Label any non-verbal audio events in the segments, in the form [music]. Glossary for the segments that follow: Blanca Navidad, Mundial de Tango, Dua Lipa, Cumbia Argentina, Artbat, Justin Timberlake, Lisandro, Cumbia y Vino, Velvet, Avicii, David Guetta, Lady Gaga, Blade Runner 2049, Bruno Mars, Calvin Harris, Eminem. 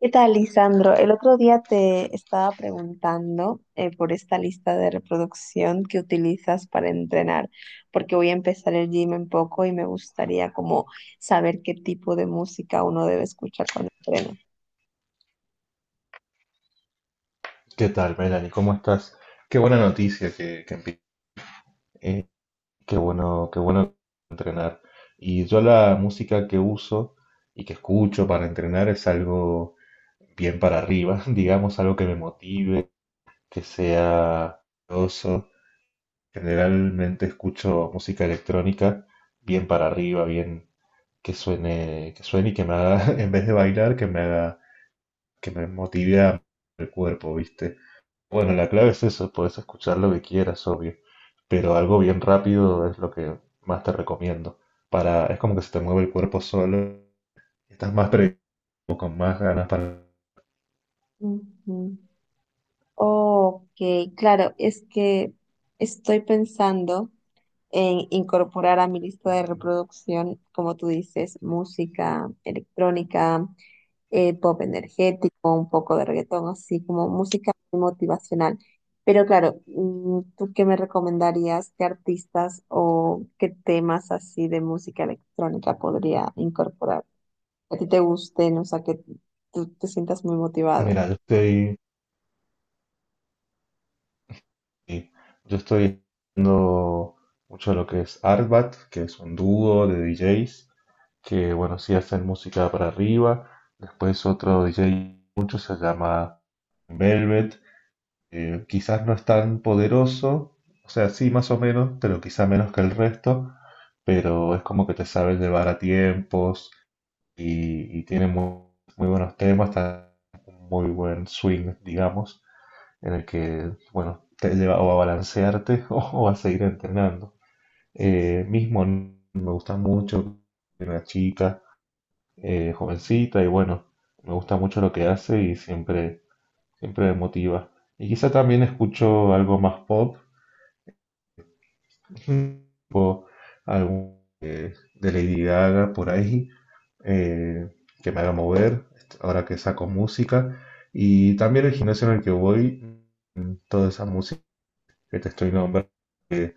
¿Qué tal, Lisandro? El otro día te estaba preguntando por esta lista de reproducción que utilizas para entrenar, porque voy a empezar el gym en poco y me gustaría como saber qué tipo de música uno debe escuchar cuando entrena. ¿Qué tal, Melanie? ¿Cómo estás? Qué buena noticia eh, qué bueno entrenar. Y yo la música que uso y que escucho para entrenar es algo bien para arriba, [laughs] digamos, algo que me motive, que sea oso. Generalmente escucho música electrónica bien para arriba, bien que suene y que me haga, [laughs] en vez de bailar, que me haga, que me motive a el cuerpo, ¿viste? Bueno, la clave es eso, puedes escuchar lo que quieras, obvio, pero algo bien rápido es lo que más te recomiendo. Es como que se te mueve el cuerpo solo, y estás más predispuesto, con más ganas para. Ujú. Ok, claro, es que estoy pensando en incorporar a mi lista de reproducción, como tú dices, música electrónica, pop energético, un poco de reggaetón, así como música muy motivacional. Pero claro, ¿tú qué me recomendarías? ¿Qué artistas o qué temas así de música electrónica podría incorporar? Que a ti te guste, ¿no? O sea, que tú te sientas muy motivado. Mira, sí, yo estoy viendo mucho lo que es Artbat, que es un dúo de DJs, que bueno, sí hacen música para arriba. Después otro DJ, mucho se llama Velvet. Quizás no es tan poderoso, o sea, sí, más o menos, pero quizá menos que el resto, pero es como que te sabe llevar a tiempos y tiene muy, muy buenos temas, está un muy buen swing, digamos, en el que, bueno, te lleva o a balancearte [laughs] o, a seguir entrenando. Mismo me gusta mucho es una chica jovencita y bueno, me gusta mucho lo que hace y siempre, siempre me motiva. Y quizá también escucho algo más pop, Mm. o algún de Lady Gaga por ahí, eh, que me haga mover, ahora que saco música. Y también el gimnasio en el que voy, toda esa música que te estoy nombrando, que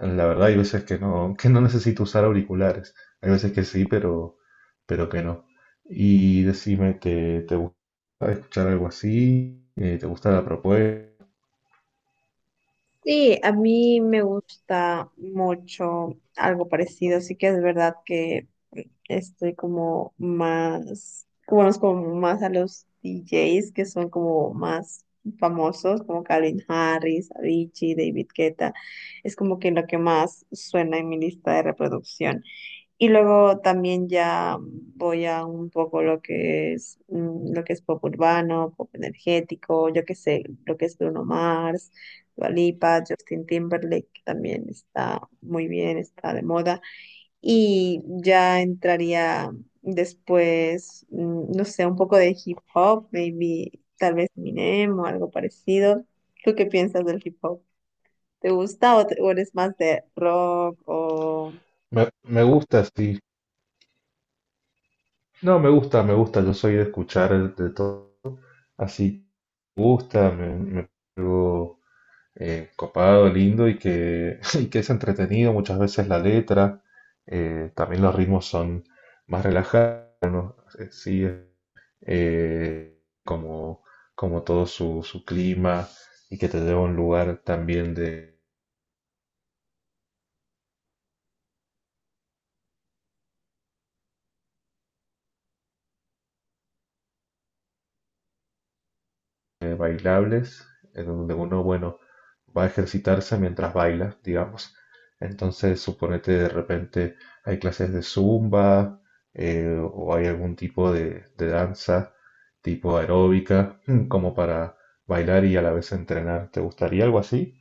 la verdad hay veces que no necesito usar auriculares, hay veces que sí, pero que no. Y decime, ¿te gusta escuchar algo así? ¿Te gusta la propuesta? Sí, a mí me gusta mucho algo parecido, sí que es verdad que estoy como más, conozco como más a los DJs que son como más famosos, como Calvin Harris, Avicii, David Guetta, es como que lo que más suena en mi lista de reproducción. Y luego también ya voy a un poco lo que es lo que es pop urbano, pop energético, yo qué sé, lo que es Bruno Mars, Dua Lipa, Justin Timberlake, que también está muy bien, está de moda. Y ya entraría después, no sé, un poco de hip hop, maybe tal vez Eminem o algo parecido. ¿Tú qué piensas del hip hop? ¿Te gusta o, o eres más de rock o...? Me gusta, sí. No, me gusta, yo soy de escuchar de todo así que me gusta, copado, lindo [laughs] y que es entretenido. Muchas veces la letra, también los ritmos son más relajados, sí, eh, como, como todo su clima y que te lleva a un lugar también de bailables en donde uno, bueno, va a ejercitarse mientras baila, digamos. Entonces, suponete de repente hay clases de zumba o hay algún tipo de danza tipo aeróbica [clears throat] como para bailar y a la vez entrenar. ¿Te gustaría algo así?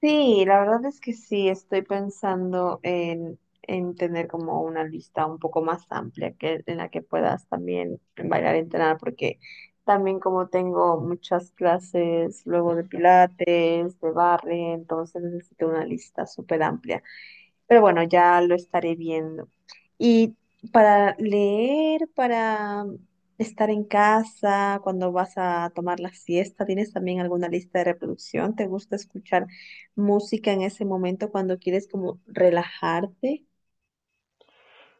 Sí, la verdad es que sí, estoy pensando en tener como una lista un poco más amplia que, en la que puedas también bailar y entrenar, porque también como tengo muchas clases luego de pilates, de barre, entonces necesito una lista súper amplia. Pero bueno, ya lo estaré viendo. Y para leer, para estar en casa, cuando vas a tomar la siesta, ¿tienes también alguna lista de reproducción? ¿Te gusta escuchar música en ese momento cuando quieres como relajarte?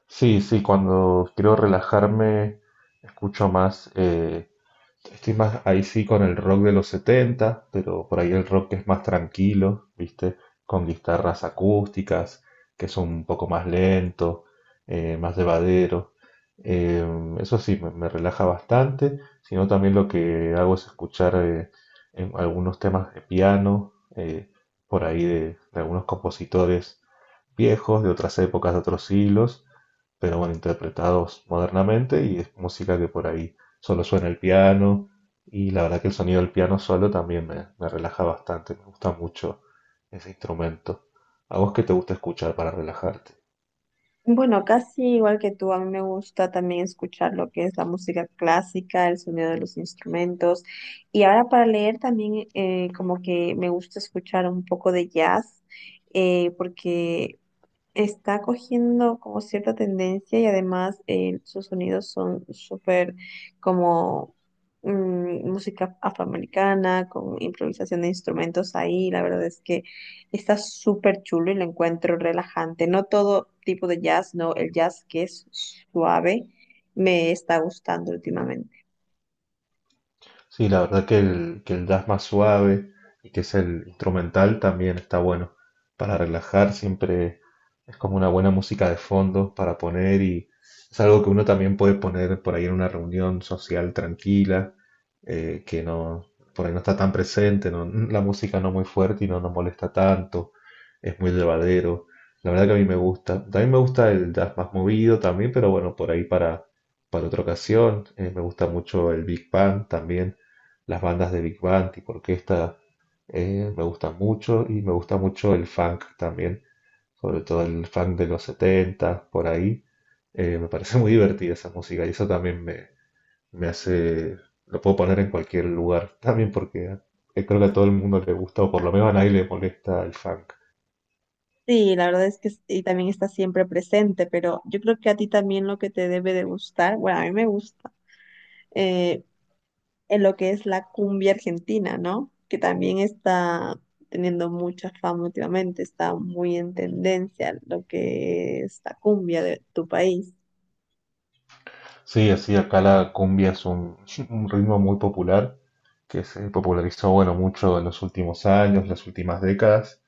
Sí, sí, cuando quiero relajarme escucho más. Estoy más ahí sí con el rock de los 70 pero por ahí el rock que es más tranquilo, ¿viste? Con guitarras acústicas, que son un poco más lento, más llevadero. Eh, eso sí, me relaja bastante, sino también lo que hago es escuchar en algunos temas de piano, por ahí de algunos compositores viejos, de otras épocas, de otros siglos, pero bueno, interpretados modernamente y es música que por ahí solo suena el piano y la verdad que el sonido del piano solo también me relaja bastante, me gusta mucho ese instrumento. ¿A vos qué te gusta escuchar para relajarte? Bueno, casi igual que tú, a mí me gusta también escuchar lo que es la música clásica, el sonido de los instrumentos. Y ahora para leer también, como que me gusta escuchar un poco de jazz, porque está cogiendo como cierta tendencia y además, sus sonidos son súper como música afroamericana, con improvisación de instrumentos ahí. La verdad es que está súper chulo y lo encuentro relajante. No todo tipo de jazz, no, el jazz que es suave me está gustando últimamente. Sí, la verdad que el jazz más suave y que es el instrumental también está bueno para relajar, siempre es como una buena música de fondo para poner y es algo que uno también puede poner por ahí en una reunión social tranquila, que no, por ahí no está tan presente, la música no muy fuerte y no nos molesta tanto, es muy llevadero. La verdad que a mí me gusta. También me gusta el jazz más movido también, pero bueno, por ahí para, otra ocasión. Me gusta mucho el Big Band también. Las bandas de Big Band tipo orquesta me gustan mucho y me gusta mucho el funk también, sobre todo el funk de los 70, por ahí. Me parece muy divertida esa música y eso también me hace, lo puedo poner en cualquier lugar también porque creo que a todo el mundo le gusta o por lo menos a nadie le molesta el funk. Sí, la verdad es que y también está siempre presente, pero yo creo que a ti también lo que te debe de gustar, bueno, a mí me gusta en lo que es la cumbia argentina, ¿no? Que también está teniendo mucha fama últimamente, está muy en tendencia lo que es la cumbia de tu país. Sí, así acá la cumbia es un, [laughs] un ritmo muy popular que se popularizó bueno mucho en los últimos años, las últimas décadas.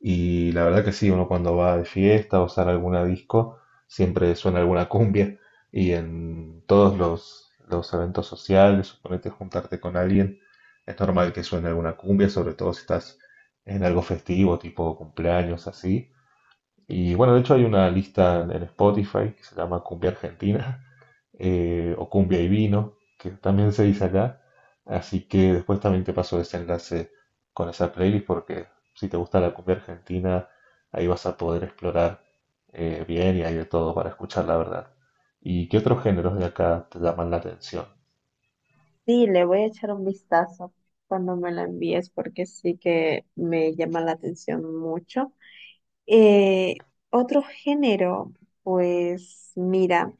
Y la verdad que sí, uno cuando va de fiesta o sale a alguna disco, siempre suena alguna cumbia. Y en todos los eventos sociales, suponete juntarte con alguien, es normal que suene alguna cumbia, sobre todo si estás en algo festivo, tipo cumpleaños, así. Y bueno, de hecho hay una lista en Spotify que se llama Cumbia Argentina [laughs] o Cumbia y Vino, que también se dice acá. Así que después también te paso ese enlace con esa playlist porque si te gusta la cumbia argentina, ahí vas a poder explorar bien y hay de todo para escuchar, la verdad. ¿Y qué otros géneros de acá te llaman la atención? Sí, le voy a echar un vistazo cuando me la envíes, porque sí que me llama la atención mucho. Eh, otro género, pues mira.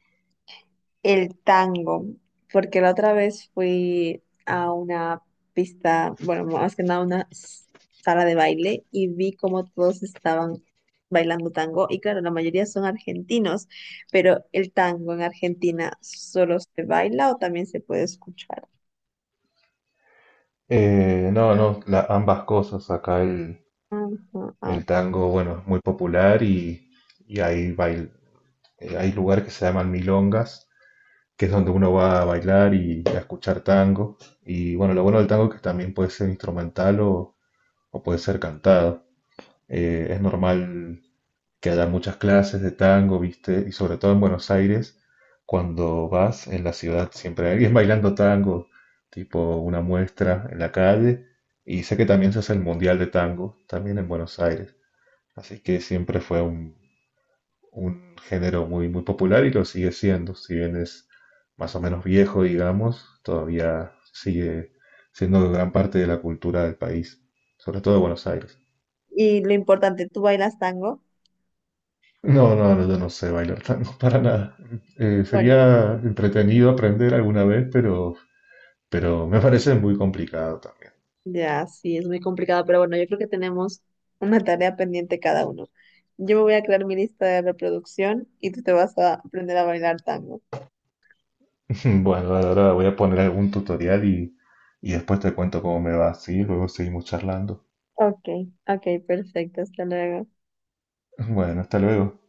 El tango, porque la otra vez fui a una pista, bueno, más que nada una sala de baile y vi cómo todos estaban bailando tango y claro, la mayoría son argentinos, pero el tango en Argentina, ¿solo se baila o también se puede escuchar? No, no, ambas cosas. Acá el, Ujú, ah. el tango, bueno, es muy popular y hay lugares que se llaman milongas, que es donde uno va a bailar y a escuchar tango. Y bueno, lo bueno del tango es que también puede ser instrumental o puede ser cantado. Es normal que haya muchas clases de tango, ¿viste? Y sobre todo en Buenos Aires, cuando vas en la ciudad siempre hay alguien bailando tango, tipo una muestra en la calle. Y sé que también se hace el Mundial de Tango, también en Buenos Aires. Así que siempre fue un, género muy, muy popular y lo sigue siendo, si bien es más o menos viejo, digamos, todavía sigue siendo gran parte de la cultura del país, sobre todo de Buenos Aires. Y lo importante, ¿tú bailas tango? No, no, no, yo no sé bailar tango [laughs] para nada. Bueno. Sería entretenido aprender alguna vez, pero me parece muy complicado también. Ya, sí, es muy complicado, pero bueno, yo creo que tenemos una tarea pendiente cada uno. Yo me voy a crear mi lista de reproducción y tú te vas a aprender a bailar tango. [laughs] Bueno, ahora voy a poner algún tutorial y después te cuento cómo me va, ¿sí? Luego seguimos charlando. Ok, ok, perfecto, hasta luego. Bueno, hasta luego.